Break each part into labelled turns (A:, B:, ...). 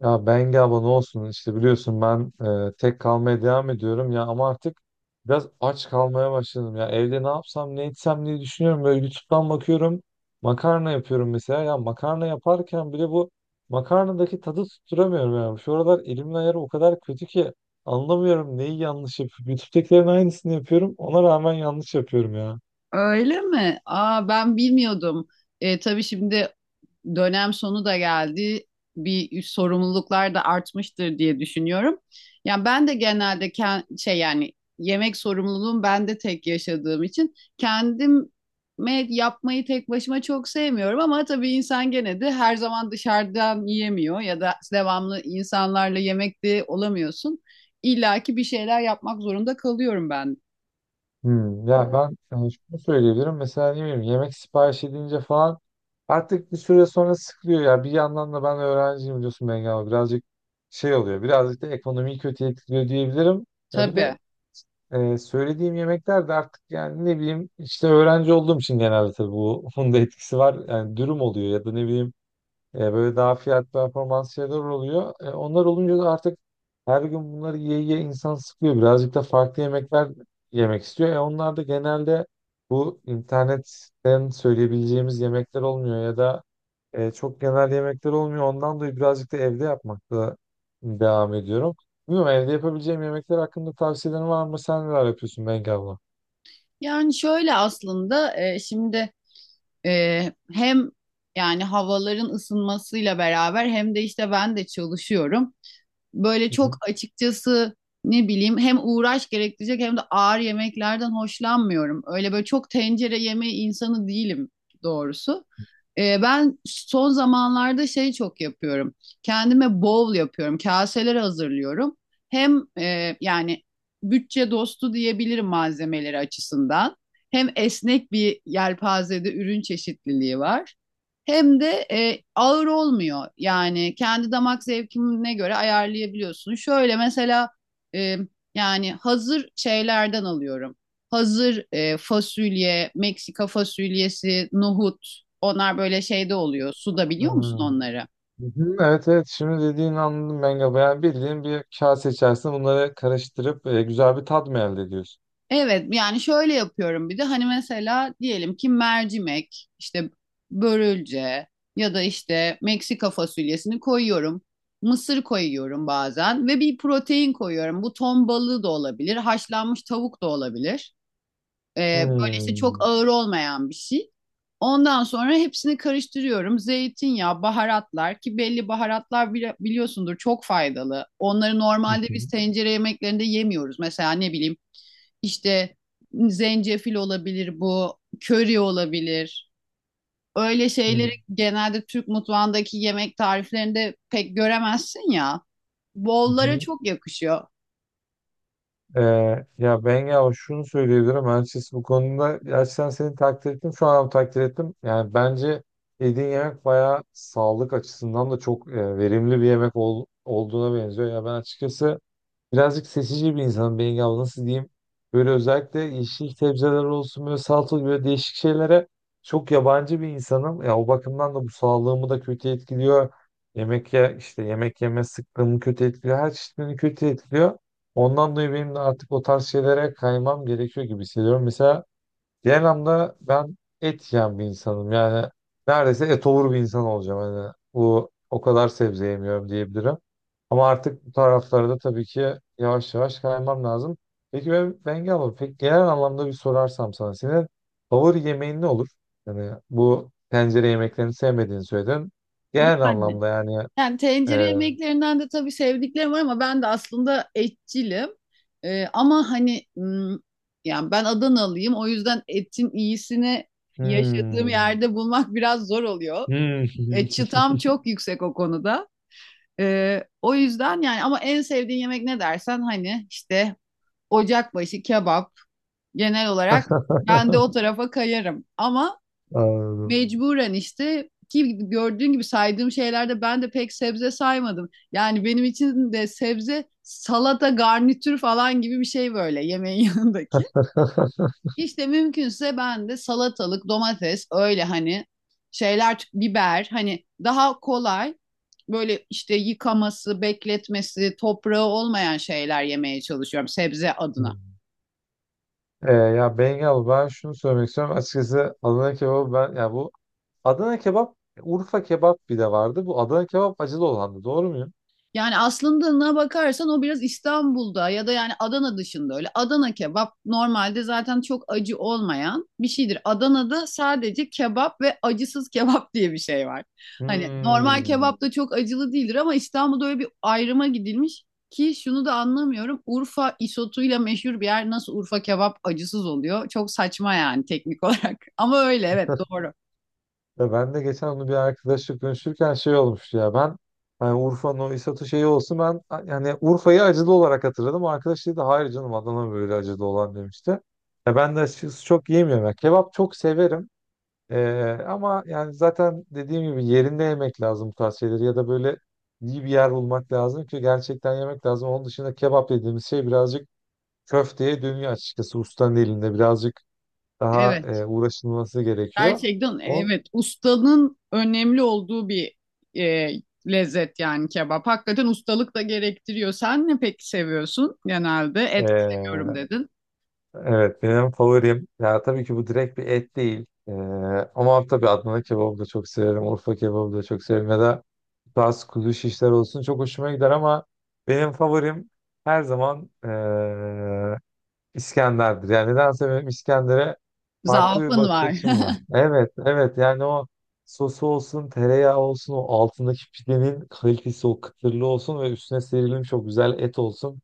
A: Ya Bengi abla ne olsun işte biliyorsun ben tek kalmaya devam ediyorum ya ama artık biraz aç kalmaya başladım ya evde ne yapsam ne etsem diye düşünüyorum böyle YouTube'dan bakıyorum makarna yapıyorum mesela ya makarna yaparken bile bu makarnadaki tadı tutturamıyorum ya şu aralar elimin ayarı o kadar kötü ki anlamıyorum neyi yanlış yapıyorum YouTube'dakilerin aynısını yapıyorum ona rağmen yanlış yapıyorum ya.
B: Öyle mi? Aa ben bilmiyordum. Tabii şimdi dönem sonu da geldi. Bir sorumluluklar da artmıştır diye düşünüyorum. Yani ben de genelde yemek sorumluluğum ben de tek yaşadığım için kendim yapmayı tek başıma çok sevmiyorum ama tabii insan gene de her zaman dışarıdan yiyemiyor ya da devamlı insanlarla yemekte olamıyorsun. İlla ki bir şeyler yapmak zorunda kalıyorum ben.
A: Hmm, ya ben hani şunu söyleyebilirim. Mesela ne bileyim yemek sipariş edince falan artık bir süre sonra sıkılıyor ya. Bir yandan da ben öğrenciyim biliyorsun Bengi abi. Birazcık şey oluyor. Birazcık da ekonomiyi kötü etkiliyor diyebilirim. Ya bir
B: Tabii.
A: de söylediğim yemekler de artık yani ne bileyim işte öğrenci olduğum için genelde tabii bu bunun da etkisi var. Yani dürüm oluyor ya da ne bileyim böyle daha fiyat performans şeyler oluyor. Onlar olunca da artık her gün bunları yiye yiye insan sıkıyor. Birazcık da farklı yemekler yemek istiyor. Onlar da genelde bu internetten söyleyebileceğimiz yemekler olmuyor ya da çok genel yemekler olmuyor. Ondan dolayı birazcık da evde yapmakla devam ediyorum. Bilmiyorum evde yapabileceğim yemekler hakkında tavsiyelerin var mı? Sen neler yapıyorsun Bengi abla?
B: Yani şöyle aslında şimdi hem yani havaların ısınmasıyla beraber hem de işte ben de çalışıyorum. Böyle
A: Hı hı.
B: çok açıkçası ne bileyim hem uğraş gerektirecek hem de ağır yemeklerden hoşlanmıyorum. Öyle böyle çok tencere yemeği insanı değilim doğrusu. Ben son zamanlarda şey çok yapıyorum. Kendime bowl yapıyorum. Kaseler hazırlıyorum. Hem yani bütçe dostu diyebilirim malzemeleri açısından. Hem esnek bir yelpazede ürün çeşitliliği var. Hem de ağır olmuyor. Yani kendi damak zevkine göre ayarlayabiliyorsun. Şöyle mesela e, yani hazır şeylerden alıyorum. Hazır fasulye, Meksika fasulyesi, nohut. Onlar böyle şeyde oluyor. Suda
A: Ha.
B: biliyor musun onları?
A: Hı hı, evet evet şimdi dediğini anladım ben galiba. Yani bildiğin bir kase içerisinde bunları karıştırıp güzel bir tat mı elde ediyorsun?
B: Evet yani şöyle yapıyorum, bir de hani mesela diyelim ki mercimek işte börülce ya da işte Meksika fasulyesini koyuyorum. Mısır koyuyorum bazen ve bir protein koyuyorum. Bu ton balığı da olabilir, haşlanmış tavuk da olabilir. Ee, Böyle işte çok
A: Hmm.
B: ağır olmayan bir şey. Ondan sonra hepsini karıştırıyorum. Zeytinyağı, baharatlar ki belli baharatlar biliyorsundur, çok faydalı. Onları
A: Hı
B: normalde
A: hı,
B: biz tencere yemeklerinde yemiyoruz. Mesela ne bileyim işte zencefil olabilir bu, köri olabilir. Öyle
A: hı
B: şeyleri genelde Türk mutfağındaki yemek tariflerinde pek göremezsin ya. Bollara
A: hı.
B: çok yakışıyor.
A: Ee, Ya ben ya şunu söyleyebilirim açıkçası bu konuda gerçekten seni takdir ettim şu an takdir ettim. Yani bence yediğin yemek bayağı sağlık açısından da çok verimli bir yemek olduğuna benziyor. Ya ben açıkçası birazcık seçici bir insanım Bengi abla nasıl diyeyim. Böyle özellikle yeşil sebzeler olsun böyle salatalık böyle değişik şeylere çok yabancı bir insanım. Ya o bakımdan da bu sağlığımı da kötü etkiliyor. Yemek ye işte Yemek yeme sıklığımı kötü etkiliyor. Her çeşitlerini kötü etkiliyor. Ondan dolayı benim de artık o tarz şeylere kaymam gerekiyor gibi hissediyorum. Mesela diğer anlamda ben et yiyen bir insanım. Yani neredeyse etovur bir insan olacağım. Hani bu o kadar sebze yemiyorum diyebilirim. Ama artık bu taraflara da tabii ki yavaş yavaş kaymam lazım. Peki ben Bengi abla, peki genel anlamda bir sorarsam sana senin favori yemeğin ne olur? Yani bu tencere yemeklerini sevmediğini söyledin. Genel
B: Yani,
A: anlamda yani
B: Yani tencere
A: e,
B: yemeklerinden de tabii sevdiklerim var ama ben de aslında etçilim. Ama hani yani ben Adanalıyım, o yüzden etin iyisini yaşadığım
A: hmm,
B: yerde bulmak biraz zor oluyor.
A: hmm,
B: E, çıtam çok yüksek o konuda. O yüzden yani, ama en sevdiğin yemek ne dersen, hani işte ocakbaşı kebap genel olarak, ben de o tarafa kayarım. Ama
A: anladım.
B: mecburen işte ki gördüğün gibi saydığım şeylerde ben de pek sebze saymadım. Yani benim için de sebze salata garnitür falan gibi bir şey, böyle yemeğin yanındaki. İşte mümkünse ben de salatalık, domates, öyle hani şeyler, biber, hani daha kolay böyle işte yıkaması, bekletmesi, toprağı olmayan şeyler yemeye çalışıyorum sebze adına.
A: Hmm. Ya Bengi abla ben şunu söylemek istiyorum. Açıkçası Adana kebabı ben ya bu Adana kebap Urfa kebap bir de vardı. Bu Adana kebap acılı olandı. Doğru muyum?
B: Yani aslında ne bakarsan o, biraz İstanbul'da ya da yani Adana dışında öyle. Adana kebap normalde zaten çok acı olmayan bir şeydir. Adana'da sadece kebap ve acısız kebap diye bir şey var. Hani normal
A: Hmm.
B: kebap da çok acılı değildir ama İstanbul'da öyle bir ayrıma gidilmiş ki şunu da anlamıyorum. Urfa isotuyla meşhur bir yer nasıl Urfa kebap acısız oluyor? Çok saçma yani teknik olarak. Ama öyle, evet, doğru.
A: Ya ben de geçen onu bir arkadaşla konuşurken şey olmuştu ya ben hani Urfa'nın o İsat'ı şeyi olsun ben yani Urfa'yı acılı olarak hatırladım. O arkadaş dedi hayır canım Adana böyle acılı olan demişti. Ya ben de açıkçası çok yiyemiyorum. Ya kebap çok severim. Ama yani zaten dediğim gibi yerinde yemek lazım bu tarz şeyleri ya da böyle iyi bir yer bulmak lazım ki gerçekten yemek lazım. Onun dışında kebap dediğimiz şey birazcık köfteye dönüyor açıkçası ustanın elinde birazcık daha
B: Evet.
A: uğraşılması gerekiyor.
B: Gerçekten,
A: On,
B: evet, ustanın önemli olduğu bir e, lezzet yani kebap. Hakikaten ustalık da gerektiriyor. Sen ne peki seviyorsun genelde? Et seviyorum dedin.
A: Evet benim favorim ya tabii ki bu direkt bir et değil. Ama tabii Adana kebabı da çok severim. Urfa kebabı da çok severim. Ya da bazı kuzu şişler olsun çok hoşuma gider ama benim favorim her zaman İskender'dir. Yani nedense benim İskender'e farklı bir
B: Zaafın
A: bakış
B: var.
A: açım var. Evet evet yani o sosu olsun tereyağı olsun o altındaki pidenin kalitesi o kıtırlığı olsun ve üstüne serilmiş çok güzel et olsun.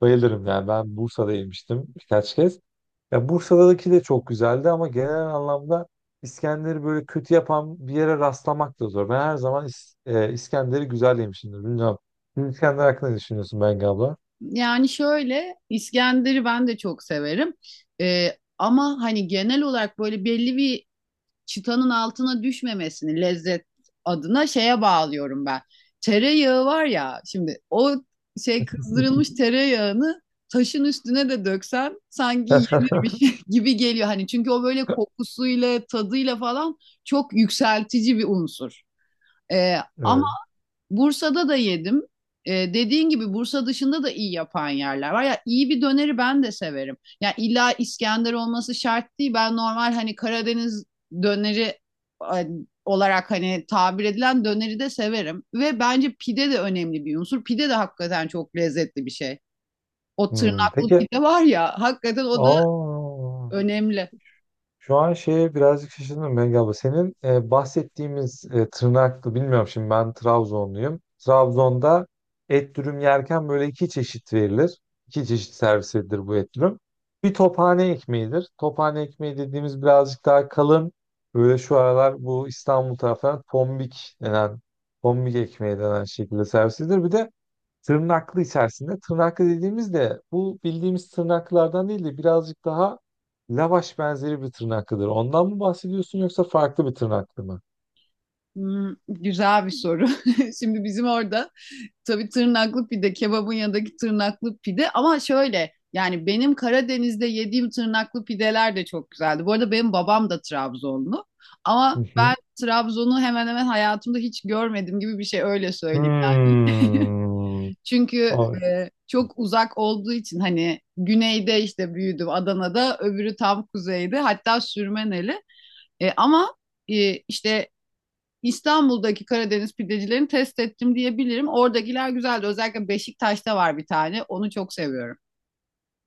A: Bayılırım yani ben Bursa'da yemiştim birkaç kez. Ya Bursa'daki de çok güzeldi ama genel anlamda İskender'i böyle kötü yapan bir yere rastlamak da zor. Ben her zaman İskender'i güzel yemişimdir. Bilmiyorum. Siz İskender hakkında ne düşünüyorsun Bengi abla?
B: Yani şöyle, İskender'i ben de çok severim. E, Ama hani genel olarak böyle belli bir çıtanın altına düşmemesini lezzet adına şeye bağlıyorum ben. Tereyağı var ya şimdi, o şey, kızdırılmış tereyağını taşın üstüne de döksen sanki yenirmiş gibi geliyor. Hani çünkü o böyle kokusuyla tadıyla falan çok yükseltici bir unsur. Ee, Ama
A: Evet.
B: Bursa'da da yedim. Dediğin gibi Bursa dışında da iyi yapan yerler var. Ya iyi bir döneri ben de severim. Ya illa İskender olması şart değil. Ben normal hani Karadeniz döneri e, olarak hani tabir edilen döneri de severim. Ve bence pide de önemli bir unsur. Pide de hakikaten çok lezzetli bir şey. O
A: Hmm,
B: tırnaklı
A: peki.
B: pide var ya, hakikaten o da
A: Aa,
B: önemli.
A: şu an şeye birazcık şaşırdım Bengi abla. Senin bahsettiğimiz tırnaklı bilmiyorum şimdi ben Trabzonluyum. Trabzon'da et dürüm yerken böyle iki çeşit verilir. İki çeşit servis edilir bu et dürüm. Bir tophane ekmeğidir. Tophane ekmeği dediğimiz birazcık daha kalın. Böyle şu aralar bu İstanbul taraflarında tombik denen, tombik ekmeği denen şekilde servis edilir. Bir de tırnaklı içerisinde. Tırnaklı dediğimizde bu bildiğimiz tırnaklardan değil de birazcık daha lavaş benzeri bir tırnaklıdır. Ondan mı bahsediyorsun yoksa farklı bir tırnaklı mı?
B: Hmm, güzel bir soru. Şimdi bizim orada tabii tırnaklı pide, kebabın yanındaki tırnaklı pide, ama şöyle yani benim Karadeniz'de yediğim tırnaklı pideler de çok güzeldi. Bu arada benim babam da Trabzonlu
A: Hı
B: ama
A: hı.
B: ben Trabzon'u hemen hemen hayatımda hiç görmedim gibi bir şey, öyle söyleyeyim.
A: Hmm.
B: Çünkü çok uzak olduğu için, hani güneyde işte büyüdüm Adana'da, öbürü tam kuzeyde, hatta Sürmeneli. E, ama e, işte İstanbul'daki Karadeniz pidecilerini test ettim diyebilirim. Oradakiler güzeldi. Özellikle Beşiktaş'ta var bir tane. Onu çok seviyorum.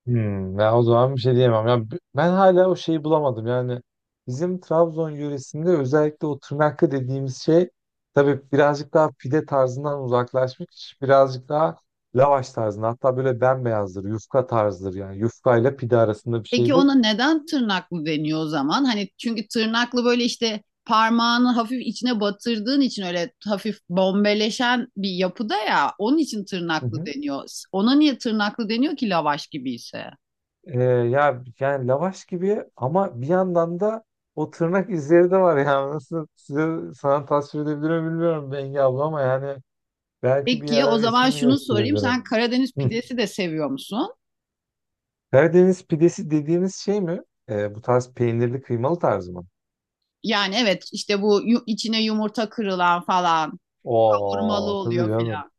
A: Hmm, ya o zaman bir şey diyemem. Ya ben hala o şeyi bulamadım. Yani bizim Trabzon yöresinde özellikle o tırnaklı dediğimiz şey tabii birazcık daha pide tarzından uzaklaşmış. Birazcık daha lavaş tarzında. Hatta böyle bembeyazdır. Yufka tarzıdır yani. Yufka ile pide arasında bir
B: Peki
A: şeydir.
B: ona neden tırnaklı deniyor o zaman? Hani çünkü tırnaklı, böyle işte parmağını hafif içine batırdığın için öyle hafif bombeleşen bir yapıda ya. Onun için
A: Hı
B: tırnaklı
A: hı.
B: deniyor. Ona niye tırnaklı deniyor ki lavaş gibi ise?
A: Ya yani lavaş gibi ama bir yandan da o tırnak izleri de var yani. Nasıl sana tasvir edebilir mi bilmiyorum Bengi abla ama yani belki bir
B: Peki o
A: yer
B: zaman
A: resmini
B: şunu sorayım:
A: gösterebilirim.
B: sen Karadeniz pidesi de seviyor musun?
A: Karadeniz pidesi dediğimiz şey mi? Bu tarz peynirli kıymalı tarzı mı?
B: Yani evet, işte bu içine yumurta kırılan falan, hurmalı
A: Oo tabii
B: oluyor
A: canım.
B: filan.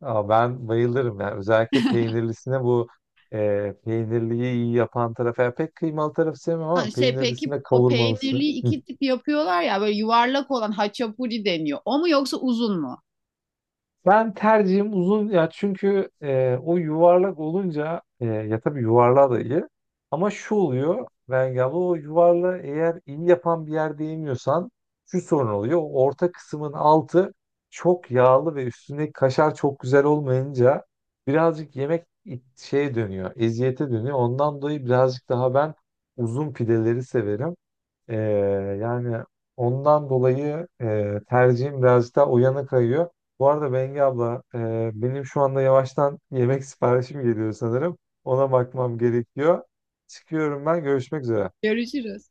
A: Aa, ben bayılırım yani. Özellikle peynirlisine bu peynirliyi iyi yapan taraf. Yani pek kıymalı tarafı sevmem
B: Ha,
A: ama
B: şey, peki
A: peynirlisinde
B: o
A: kavurmalısı.
B: peynirli iki tip yapıyorlar ya, böyle yuvarlak olan haçapuri deniyor. O mu yoksa uzun mu?
A: Ben tercihim uzun ya çünkü o yuvarlak olunca ya tabii yuvarlağı da iyi ama şu oluyor Bengi abla o yuvarlağı eğer iyi yapan bir yerde yemiyorsan şu sorun oluyor. O orta kısmın altı çok yağlı ve üstündeki kaşar çok güzel olmayınca birazcık yemek şeye dönüyor, eziyete dönüyor. Ondan dolayı birazcık daha ben uzun pideleri severim. Ee, Yani ondan dolayı tercihim birazcık daha o yana kayıyor. Bu arada Bengi abla benim şu anda yavaştan yemek siparişim geliyor sanırım. Ona bakmam gerekiyor. Çıkıyorum ben. Görüşmek üzere.
B: Görüşürüz.